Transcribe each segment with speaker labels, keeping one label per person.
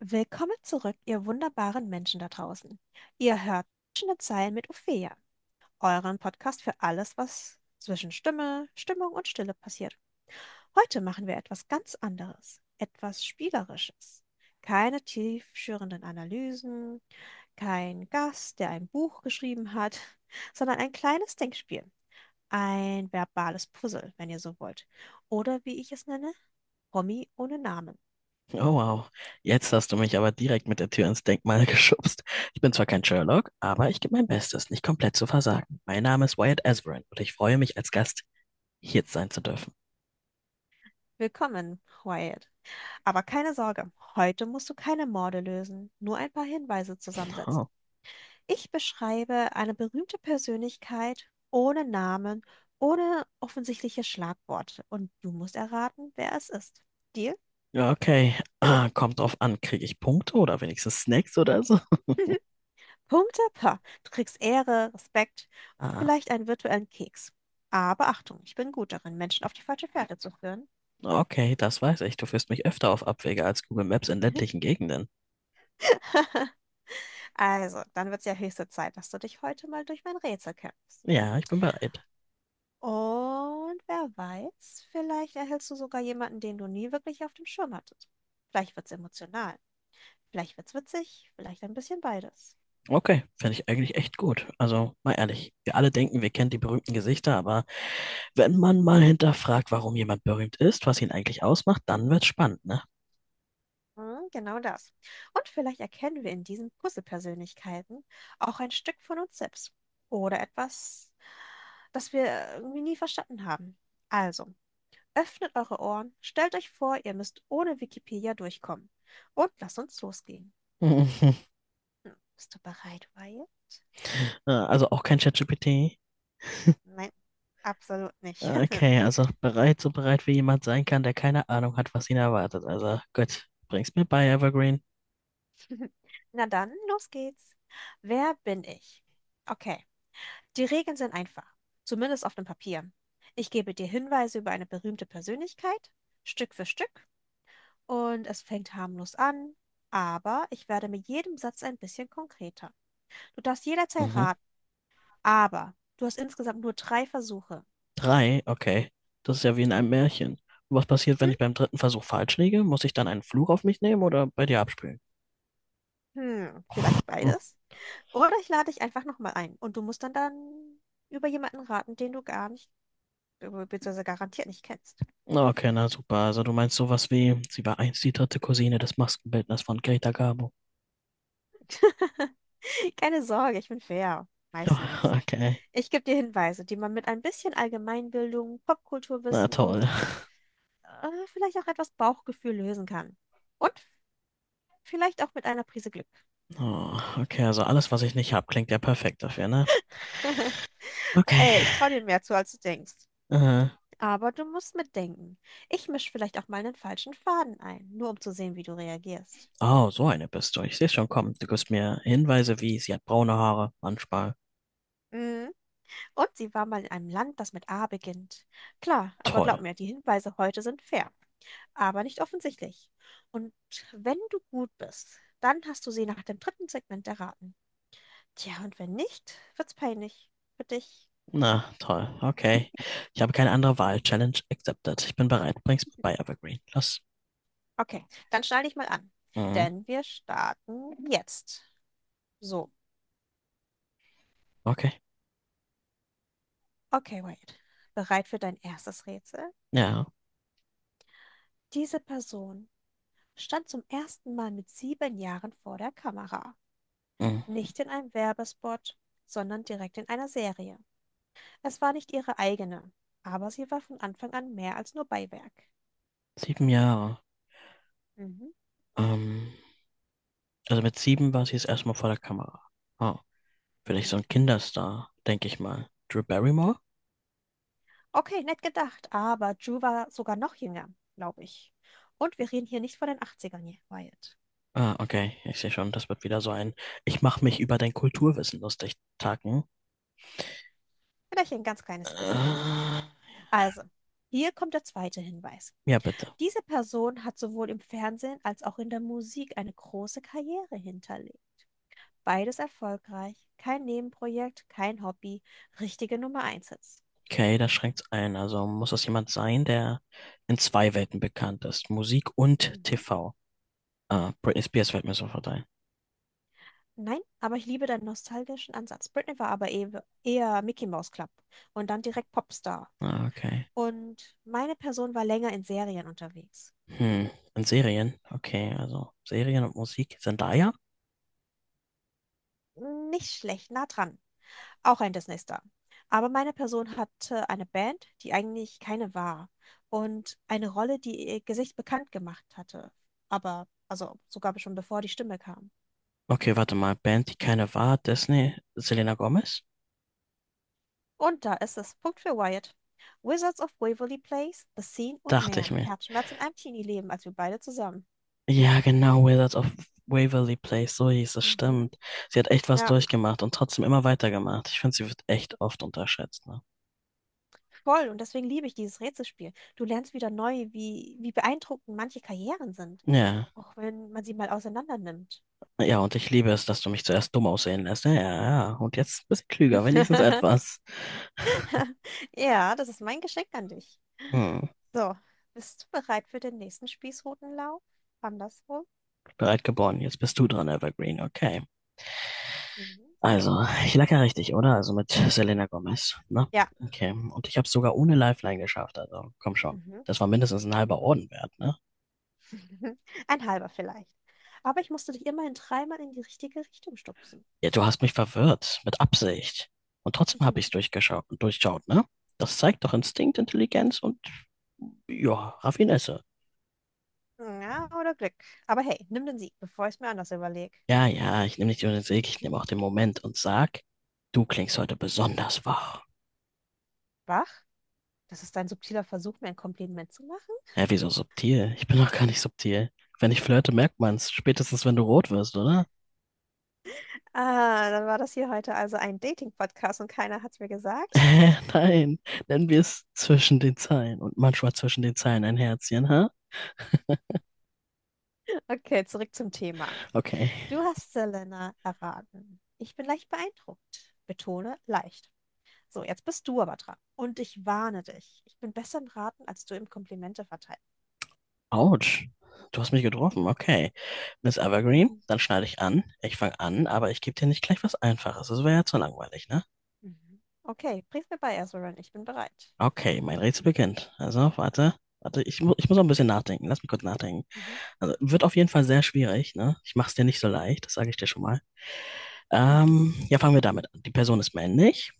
Speaker 1: Willkommen zurück, ihr wunderbaren Menschen da draußen. Ihr hört zwischen den Zeilen mit Ophelia, euren Podcast für alles, was zwischen Stimme, Stimmung und Stille passiert. Heute machen wir etwas ganz anderes, etwas Spielerisches. Keine tiefschürenden Analysen, kein Gast, der ein Buch geschrieben hat, sondern ein kleines Denkspiel, ein verbales Puzzle, wenn ihr so wollt. Oder wie ich es nenne, Promi ohne Namen.
Speaker 2: Oh wow, jetzt hast du mich aber direkt mit der Tür ins Denkmal geschubst. Ich bin zwar kein Sherlock, aber ich gebe mein Bestes, nicht komplett zu versagen. Mein Name ist Wyatt Asverin und ich freue mich, als Gast hier sein zu dürfen.
Speaker 1: Willkommen, Wyatt. Aber keine Sorge, heute musst du keine Morde lösen, nur ein paar Hinweise zusammensetzen.
Speaker 2: Oh.
Speaker 1: Ich beschreibe eine berühmte Persönlichkeit ohne Namen, ohne offensichtliche Schlagworte und du musst erraten, wer es ist. Deal?
Speaker 2: Ja, okay, kommt drauf an, kriege ich Punkte oder wenigstens Snacks oder so?
Speaker 1: Punkte? Pah, du kriegst Ehre, Respekt,
Speaker 2: Ah,
Speaker 1: vielleicht einen virtuellen Keks. Aber Achtung, ich bin gut darin, Menschen auf die falsche Fährte zu führen.
Speaker 2: okay, das weiß ich. Du führst mich öfter auf Abwege als Google Maps in ländlichen Gegenden.
Speaker 1: Also, dann wird es ja höchste Zeit, dass du dich heute mal durch mein Rätsel kämpfst.
Speaker 2: Ja, ich bin bereit.
Speaker 1: Und wer weiß, vielleicht erhältst du sogar jemanden, den du nie wirklich auf dem Schirm hattest. Vielleicht wird's emotional, vielleicht wird's witzig, vielleicht ein bisschen beides.
Speaker 2: Okay, finde ich eigentlich echt gut. Also, mal ehrlich, wir alle denken, wir kennen die berühmten Gesichter, aber wenn man mal hinterfragt, warum jemand berühmt ist, was ihn eigentlich ausmacht, dann wird's spannend, ne?
Speaker 1: Hm, genau das. Und vielleicht erkennen wir in diesen Puzzle-Persönlichkeiten auch ein Stück von uns selbst oder etwas, das wir irgendwie nie verstanden haben. Also, öffnet eure Ohren, stellt euch vor, ihr müsst ohne Wikipedia durchkommen und lasst uns losgehen. Hm, bist du bereit, Wyatt?
Speaker 2: Also auch kein ChatGPT.
Speaker 1: Nein, absolut nicht.
Speaker 2: Okay, also bereit, so bereit wie jemand sein kann, der keine Ahnung hat, was ihn erwartet. Also gut, bring's mir bei, Evergreen.
Speaker 1: Na dann, los geht's. Wer bin ich? Okay, die Regeln sind einfach, zumindest auf dem Papier. Ich gebe dir Hinweise über eine berühmte Persönlichkeit, Stück für Stück, und es fängt harmlos an, aber ich werde mit jedem Satz ein bisschen konkreter. Du darfst jederzeit
Speaker 2: Mhm.
Speaker 1: raten, aber du hast insgesamt nur drei Versuche.
Speaker 2: Drei, okay. Das ist ja wie in einem
Speaker 1: Mhm.
Speaker 2: Märchen. Und was passiert, wenn
Speaker 1: Hm?
Speaker 2: ich beim dritten Versuch falsch liege? Muss ich dann einen Fluch auf mich nehmen oder bei dir abspielen?
Speaker 1: Hm, vielleicht
Speaker 2: Hm.
Speaker 1: beides. Oder ich lade dich einfach nochmal ein und du musst dann über jemanden raten, den du gar nicht beziehungsweise garantiert nicht kennst.
Speaker 2: Okay, na super. Also du meinst sowas wie,
Speaker 1: Hm.
Speaker 2: sie war einst die dritte Cousine des Maskenbildners von Greta Garbo.
Speaker 1: Keine Sorge, ich bin fair. Meistens.
Speaker 2: Okay.
Speaker 1: Ich gebe dir Hinweise, die man mit ein bisschen Allgemeinbildung,
Speaker 2: Na
Speaker 1: Popkulturwissen
Speaker 2: toll.
Speaker 1: und vielleicht auch etwas Bauchgefühl lösen kann. Und vielleicht auch mit einer Prise Glück.
Speaker 2: Oh, okay, also alles, was ich nicht hab, klingt ja perfekt dafür, ne? Okay.
Speaker 1: Ey, ich traue dir mehr zu, als du denkst.
Speaker 2: Äh,
Speaker 1: Aber du musst mitdenken. Ich mische vielleicht auch mal einen falschen Faden ein, nur um zu sehen, wie du reagierst.
Speaker 2: oh, so eine bist du. Ich sehe schon kommen. Du gibst mir Hinweise wie, sie hat braune Haare, Handschmal.
Speaker 1: Mhm. Und sie war mal in einem Land, das mit A beginnt. Klar, aber glaub
Speaker 2: Toll.
Speaker 1: mir, die Hinweise heute sind fair, aber nicht offensichtlich. Und wenn du gut bist, dann hast du sie nach dem dritten Segment erraten. Tja, und wenn nicht, wird's peinlich für dich.
Speaker 2: Na, toll. Okay. Ich habe keine andere Wahl. Challenge accepted. Ich bin bereit. Bring's bei Evergreen. Los.
Speaker 1: Okay, dann schnall dich mal an,
Speaker 2: Mhm.
Speaker 1: denn wir starten jetzt. So,
Speaker 2: Okay.
Speaker 1: okay, Wade. Bereit für dein erstes Rätsel?
Speaker 2: Ja.
Speaker 1: Diese Person stand zum ersten Mal mit 7 Jahren vor der Kamera.
Speaker 2: Mhm.
Speaker 1: Nicht in einem Werbespot, sondern direkt in einer Serie. Es war nicht ihre eigene, aber sie war von Anfang an mehr als nur Beiwerk.
Speaker 2: Sieben Jahre.
Speaker 1: Mhm.
Speaker 2: Ähm, also mit sieben war sie jetzt erstmal vor der Kamera. Oh, vielleicht so
Speaker 1: Mhm.
Speaker 2: ein Kinderstar, denke ich mal. Drew Barrymore?
Speaker 1: Okay, nett gedacht, aber Ju war sogar noch jünger, glaube ich. Und wir reden hier nicht von den Achtzigern, ern hier, Wyatt.
Speaker 2: Okay. Ich sehe schon, das wird wieder so ein, ich mache mich über dein Kulturwissen lustig, Taken.
Speaker 1: Vielleicht ein ganz kleines bisschen.
Speaker 2: Äh,
Speaker 1: Also, hier kommt der zweite Hinweis.
Speaker 2: ja, bitte.
Speaker 1: Diese Person hat sowohl im Fernsehen als auch in der Musik eine große Karriere hinterlegt. Beides erfolgreich, kein Nebenprojekt, kein Hobby, richtige Nummer 1.
Speaker 2: Okay, das schränkt's ein. Also muss das jemand sein, der in zwei Welten bekannt ist. Musik und
Speaker 1: Mhm.
Speaker 2: TV. Britney Spears fällt mir sofort ein.
Speaker 1: Nein, aber ich liebe deinen nostalgischen Ansatz. Britney war aber eher Mickey Mouse Club und dann direkt Popstar.
Speaker 2: Okay.
Speaker 1: Und meine Person war länger in Serien unterwegs.
Speaker 2: Hm. Und Serien? Okay, also Serien und Musik. Zendaya?
Speaker 1: Nicht schlecht, nah dran. Auch ein Disney-Star. Aber meine Person hatte eine Band, die eigentlich keine war. Und eine Rolle, die ihr Gesicht bekannt gemacht hatte. Aber, also sogar schon bevor die Stimme kam.
Speaker 2: Okay, warte mal. Band, die keine war. Disney. Selena Gomez?
Speaker 1: Und da ist es. Punkt für Wyatt. Wizards of Waverly Place, The Scene und
Speaker 2: Dachte ich
Speaker 1: mehr.
Speaker 2: mir.
Speaker 1: Herzschmerz in einem Teenie-Leben, als wir beide zusammen.
Speaker 2: Ja, genau, Wizards of Waverly Place, so hieß es,
Speaker 1: Mhm.
Speaker 2: stimmt. Sie hat echt was
Speaker 1: Ja,
Speaker 2: durchgemacht und trotzdem immer weitergemacht. Ich finde, sie wird echt oft unterschätzt, ne?
Speaker 1: voll. Und deswegen liebe ich dieses Rätselspiel. Du lernst wieder neu, wie beeindruckend manche Karrieren sind,
Speaker 2: Ja.
Speaker 1: auch wenn man sie mal auseinander nimmt.
Speaker 2: Ja, und ich liebe es, dass du mich zuerst dumm aussehen lässt. Ja, ja, ja. Und jetzt ein bisschen klüger, wenigstens etwas.
Speaker 1: Ja, das ist mein Geschenk an dich.
Speaker 2: Hm,
Speaker 1: So, bist du bereit für den nächsten Spießrutenlauf? Andersrum?
Speaker 2: bereit geboren. Jetzt bist du dran, Evergreen. Okay.
Speaker 1: Mhm.
Speaker 2: Also, ich lag ja richtig, oder? Also mit Selena Gomez, ne?
Speaker 1: Ja.
Speaker 2: Okay. Und ich habe es sogar ohne Lifeline geschafft, also komm schon.
Speaker 1: Mhm.
Speaker 2: Das war mindestens ein halber Orden wert, ne?
Speaker 1: Ein halber vielleicht. Aber ich musste dich immerhin dreimal in die richtige Richtung stupsen.
Speaker 2: Ja, du hast mich verwirrt, mit Absicht. Und trotzdem
Speaker 1: Mhm.
Speaker 2: habe ich es durchschaut, ne? Das zeigt doch Instinkt, Intelligenz und, ja, Raffinesse.
Speaker 1: Ja, oder Glück. Aber hey, nimm den Sieg, bevor ich es mir anders überlege.
Speaker 2: Ja, ja, ich nehme nicht nur den Sieg, ich nehme auch den Moment und sag, du klingst heute besonders wach.
Speaker 1: Wach? Das ist ein subtiler Versuch, mir ein Kompliment zu machen.
Speaker 2: Hä, wieso subtil? Ich bin doch gar nicht subtil. Wenn ich flirte, merkt man's, spätestens wenn du rot wirst, oder?
Speaker 1: Ah, dann war das hier heute also ein Dating-Podcast und keiner hat es mir gesagt.
Speaker 2: Nein, nennen wir es zwischen den Zeilen und manchmal zwischen den Zeilen ein Herzchen, ha?
Speaker 1: Okay, zurück zum Thema.
Speaker 2: Okay.
Speaker 1: Du hast Selena erraten. Ich bin leicht beeindruckt. Betone leicht. So, jetzt bist du aber dran. Und ich warne dich. Ich bin besser im Raten, als du im Komplimente verteilen.
Speaker 2: Autsch. Du hast mich getroffen, okay. Miss Evergreen,
Speaker 1: Mhm,
Speaker 2: dann schneide ich an. Ich fange an, aber ich gebe dir nicht gleich was Einfaches. Das wäre ja zu langweilig, ne?
Speaker 1: mhm, mhm. Okay, bring's mir bei, Ezrin. Ich bin bereit.
Speaker 2: Okay, mein Rätsel beginnt. Also, warte. Warte, ich muss noch ein bisschen nachdenken. Lass mich kurz nachdenken.
Speaker 1: Mhm,
Speaker 2: Also, wird auf jeden Fall sehr schwierig, ne? Ich mach's dir nicht so leicht, das sage ich dir schon mal.
Speaker 1: mhm,
Speaker 2: Ja, fangen wir damit an. Die Person ist männlich.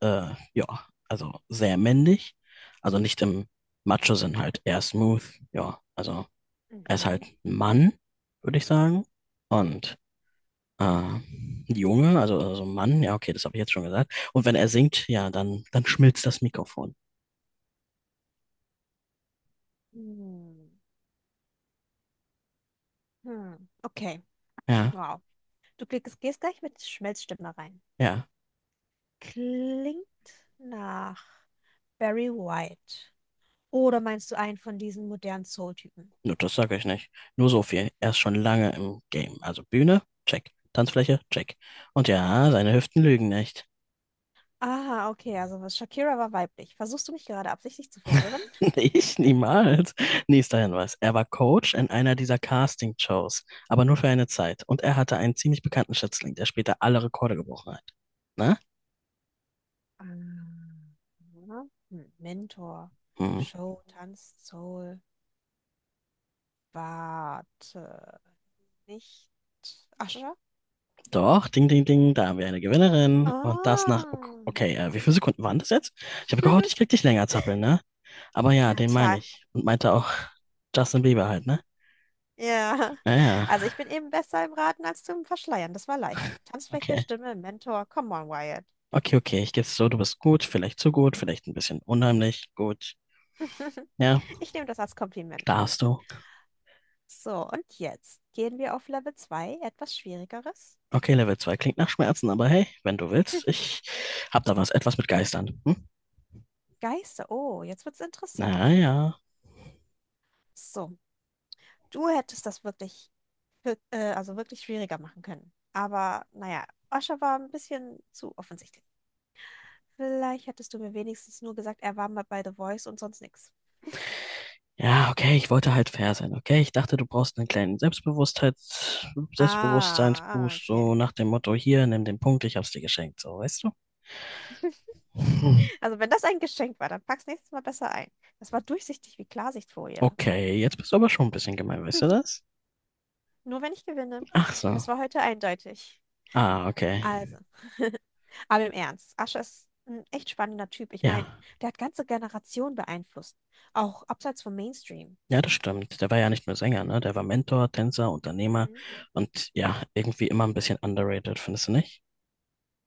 Speaker 2: Ja, also sehr männlich. Also nicht im Macho-Sinn halt, eher smooth. Ja, also er ist
Speaker 1: mhm.
Speaker 2: halt ein Mann, würde ich sagen. Und Ah, Junge, also Mann, ja, okay, das habe ich jetzt schon gesagt. Und wenn er singt, ja, dann schmilzt das Mikrofon.
Speaker 1: Hm, hm. Okay,
Speaker 2: Ja,
Speaker 1: wow. Du gehst gleich mit Schmelzstimme rein.
Speaker 2: ja,
Speaker 1: Klingt nach Barry White. Oder meinst du einen von diesen modernen Soul-Typen?
Speaker 2: nur das sage ich nicht. Nur so viel. Er ist schon lange im Game. Also Bühne, check. Tanzfläche, check. Und ja, seine Hüften lügen nicht.
Speaker 1: Ah, okay, also was Shakira war weiblich. Versuchst du mich gerade absichtlich zu verwirren?
Speaker 2: Ich niemals. Nächster Hinweis. Er war Coach in einer dieser Casting-Shows, aber nur für eine Zeit. Und er hatte einen ziemlich bekannten Schützling, der später alle Rekorde gebrochen hat. Na?
Speaker 1: Ah, hm, Mentor,
Speaker 2: Hm.
Speaker 1: Show, Tanz, Soul, warte, nicht Ascha?
Speaker 2: Doch, ding, ding, ding, da haben wir eine Gewinnerin. Und das nach,
Speaker 1: Ah.
Speaker 2: okay, wie viele Sekunden waren das jetzt? Ich habe gehofft, ich krieg dich länger zappeln, ne? Aber ja,
Speaker 1: Ja,
Speaker 2: den
Speaker 1: tja,
Speaker 2: meine ich. Und meinte auch Justin Bieber halt, ne?
Speaker 1: ja.
Speaker 2: Naja,
Speaker 1: Also ich bin eben besser im Raten als zum Verschleiern. Das war leicht. Tanzfläche,
Speaker 2: okay.
Speaker 1: Stimme, Mentor, come on, Wyatt.
Speaker 2: Okay, okay, ich geb's so, du bist gut, vielleicht zu gut, vielleicht ein bisschen unheimlich, gut. Ja,
Speaker 1: Ich nehme das als Kompliment.
Speaker 2: darfst du.
Speaker 1: So, und jetzt gehen wir auf Level 2, etwas Schwierigeres.
Speaker 2: Okay, Level 2 klingt nach Schmerzen, aber hey, wenn du willst, ich hab da was, etwas mit Geistern. Hm?
Speaker 1: Geister, oh, jetzt wird's interessant.
Speaker 2: Naja.
Speaker 1: So, du hättest das wirklich, also wirklich schwieriger machen können. Aber naja, Osha war ein bisschen zu offensichtlich. Vielleicht hättest du mir wenigstens nur gesagt, er war mal bei The Voice und sonst nichts.
Speaker 2: Ja, okay, ich wollte halt fair sein, okay? Ich dachte, du brauchst einen kleinen Selbstbewusstheits
Speaker 1: Ah, ah,
Speaker 2: Selbstbewusstseinsboost,
Speaker 1: okay.
Speaker 2: so nach dem Motto, hier, nimm den Punkt, ich hab's dir geschenkt, so, weißt du? Hm.
Speaker 1: Also wenn das ein Geschenk war, dann pack's nächstes Mal besser ein. Das war durchsichtig wie Klarsichtfolie.
Speaker 2: Okay, jetzt bist du aber schon ein bisschen gemein, weißt du das?
Speaker 1: Nur wenn ich gewinne.
Speaker 2: Ach
Speaker 1: Und
Speaker 2: so.
Speaker 1: das war heute eindeutig.
Speaker 2: Ah,
Speaker 1: Also,
Speaker 2: okay.
Speaker 1: aber im Ernst, Ascher ist ein echt spannender Typ. Ich meine,
Speaker 2: Ja.
Speaker 1: der hat ganze Generationen beeinflusst, auch abseits vom Mainstream.
Speaker 2: Ja, das stimmt. Der war ja nicht nur Sänger, ne? Der war Mentor, Tänzer, Unternehmer
Speaker 1: Mhm.
Speaker 2: und ja, irgendwie immer ein bisschen underrated, findest du nicht?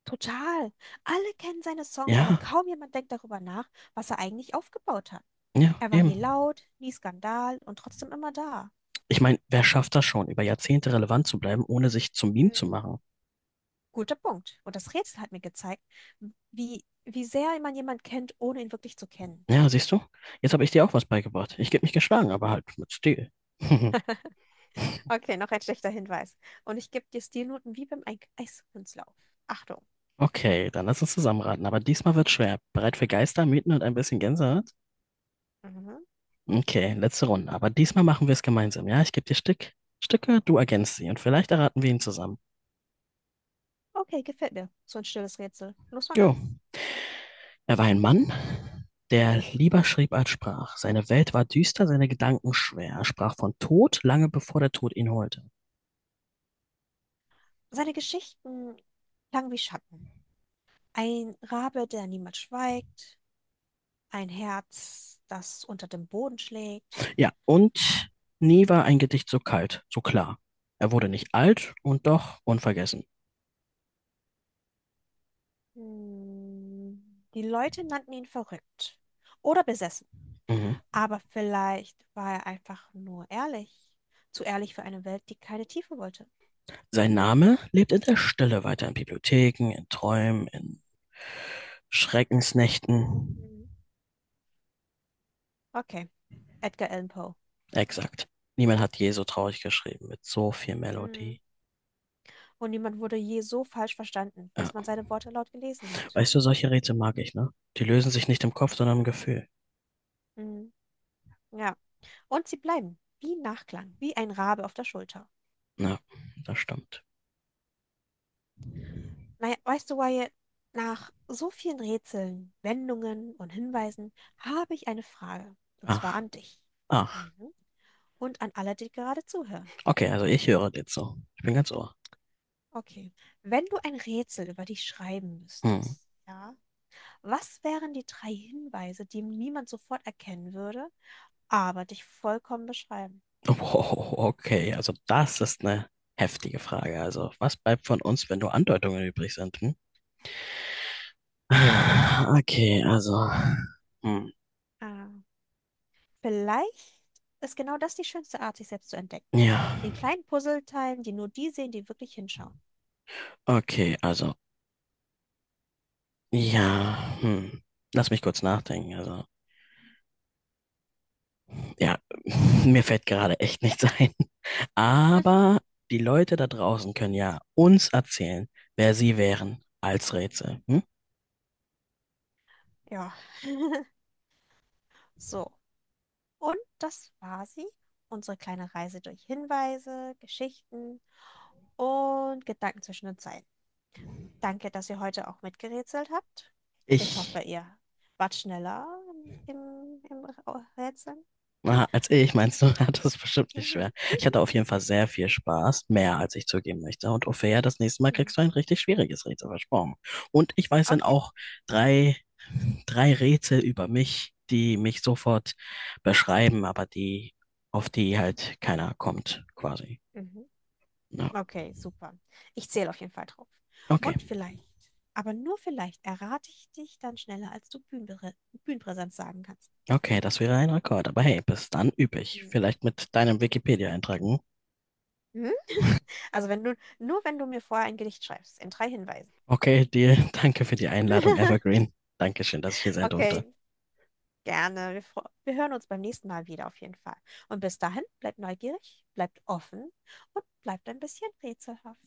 Speaker 1: Total. Alle kennen seine Songs, aber
Speaker 2: Ja,
Speaker 1: kaum jemand denkt darüber nach, was er eigentlich aufgebaut hat.
Speaker 2: ja,
Speaker 1: Er war
Speaker 2: eben.
Speaker 1: nie laut, nie Skandal und trotzdem immer da.
Speaker 2: Ich meine, wer schafft das schon, über Jahrzehnte relevant zu bleiben, ohne sich zum Meme zu
Speaker 1: Mhm.
Speaker 2: machen?
Speaker 1: Guter Punkt. Und das Rätsel hat mir gezeigt, wie sehr man jemanden kennt, ohne ihn wirklich zu kennen.
Speaker 2: Ja, siehst du? Jetzt habe ich dir auch was beigebracht. Ich geb mich geschlagen, aber halt mit Stil.
Speaker 1: Okay, noch ein schlechter Hinweis. Und ich gebe dir Stilnoten wie beim Eiskunstlauf. Achtung.
Speaker 2: Okay, dann lass uns zusammenraten. Aber diesmal wird schwer. Bereit für Geister, Mythen und ein bisschen Gänsehaut?
Speaker 1: Mhm.
Speaker 2: Okay, letzte Runde. Aber diesmal machen wir es gemeinsam. Ja, ich gebe dir Stücke, du ergänzt sie und vielleicht erraten wir ihn zusammen.
Speaker 1: Okay, gefällt mir. So ein stilles Rätsel. Los, fang
Speaker 2: Jo.
Speaker 1: an.
Speaker 2: Er war ein Mann, der lieber schrieb als sprach. Seine Welt war düster, seine Gedanken schwer. Er sprach von Tod, lange bevor der Tod ihn holte.
Speaker 1: Seine Geschichten klangen wie Schatten. Ein Rabe, der niemals schweigt. Ein Herz, das unter dem Boden schlägt.
Speaker 2: Ja, und nie war ein Gedicht so kalt, so klar. Er wurde nicht alt und doch unvergessen.
Speaker 1: Hm. Die Leute nannten ihn verrückt oder besessen.
Speaker 2: Mhm.
Speaker 1: Aber vielleicht war er einfach nur ehrlich. Zu ehrlich für eine Welt, die keine Tiefe wollte.
Speaker 2: Sein Name lebt in der Stille weiter, in Bibliotheken, in Träumen, in Schreckensnächten.
Speaker 1: Hm. Okay, Edgar Allan Poe.
Speaker 2: Exakt. Niemand hat je so traurig geschrieben, mit so viel
Speaker 1: Hm.
Speaker 2: Melodie.
Speaker 1: Und niemand wurde je so falsch verstanden,
Speaker 2: Ja.
Speaker 1: bis man seine Worte laut gelesen hat.
Speaker 2: Weißt du, solche Rätsel mag ich, ne? Die lösen sich nicht im Kopf, sondern im Gefühl.
Speaker 1: Hm. Ja. Und sie bleiben wie Nachklang, wie ein Rabe auf der Schulter.
Speaker 2: Na, das stimmt.
Speaker 1: Naja, weißt du, Wyatt, nach so vielen Rätseln, Wendungen und Hinweisen habe ich eine Frage. Und zwar
Speaker 2: Ach,
Speaker 1: an dich.
Speaker 2: ach.
Speaker 1: Mhm. Und an alle, die gerade zuhören.
Speaker 2: Okay, also ich höre jetzt so. Ich bin ganz Ohr.
Speaker 1: Okay. Wenn du ein Rätsel über dich schreiben
Speaker 2: Hm.
Speaker 1: müsstest, ja, was wären die drei Hinweise, die niemand sofort erkennen würde, aber dich vollkommen beschreiben?
Speaker 2: Wow, okay, also das ist eine heftige Frage. Also, was bleibt von uns, wenn nur Andeutungen übrig sind? Hm? Okay, hm,
Speaker 1: Ah, vielleicht ist genau das die schönste Art, sich selbst zu entdecken,
Speaker 2: ja,
Speaker 1: in kleinen Puzzleteilen, die nur die sehen, die wirklich hinschauen.
Speaker 2: okay, ja, hm. Lass mich kurz nachdenken. Ja, mir fällt gerade echt nichts ein. Aber die Leute da draußen können ja uns erzählen, wer sie wären als Rätsel. Hm?
Speaker 1: Ja. So, und das war sie, unsere kleine Reise durch Hinweise, Geschichten und Gedanken zwischen den Zeilen. Danke, dass ihr heute auch mitgerätselt habt. Ich hoffe,
Speaker 2: Ich
Speaker 1: ihr wart schneller im Rätseln.
Speaker 2: Aha, als ich, meinst du, hat das bestimmt nicht schwer.
Speaker 1: Mhm.
Speaker 2: Ich hatte auf jeden Fall sehr viel Spaß, mehr als ich zugeben möchte. Und Ophäa, das nächste Mal
Speaker 1: Mhm.
Speaker 2: kriegst du ein richtig schwieriges Rätsel versprochen. Und ich weiß dann
Speaker 1: Okay.
Speaker 2: auch drei, drei Rätsel über mich, die mich sofort beschreiben, aber die, auf die halt keiner kommt, quasi.
Speaker 1: Mhm.
Speaker 2: Ja.
Speaker 1: Okay, super. Ich zähle auf jeden Fall drauf.
Speaker 2: Okay,
Speaker 1: Und vielleicht, aber nur vielleicht, errate ich dich dann schneller, als du Bühnenpräsenz sagen kannst.
Speaker 2: okay, das wäre ein Rekord. Aber hey, bis dann üb ich.
Speaker 1: Mhm.
Speaker 2: Vielleicht mit deinem Wikipedia-Eintrag, hm?
Speaker 1: Mhm. Also wenn du, nur wenn du mir vorher ein Gedicht schreibst, in drei Hinweisen.
Speaker 2: Okay, dir, danke für die Einladung, Evergreen. Dankeschön, dass ich hier sein durfte.
Speaker 1: Okay, gerne. Wir hören uns beim nächsten Mal wieder auf jeden Fall. Und bis dahin, bleibt neugierig, bleibt offen und bleibt ein bisschen rätselhaft.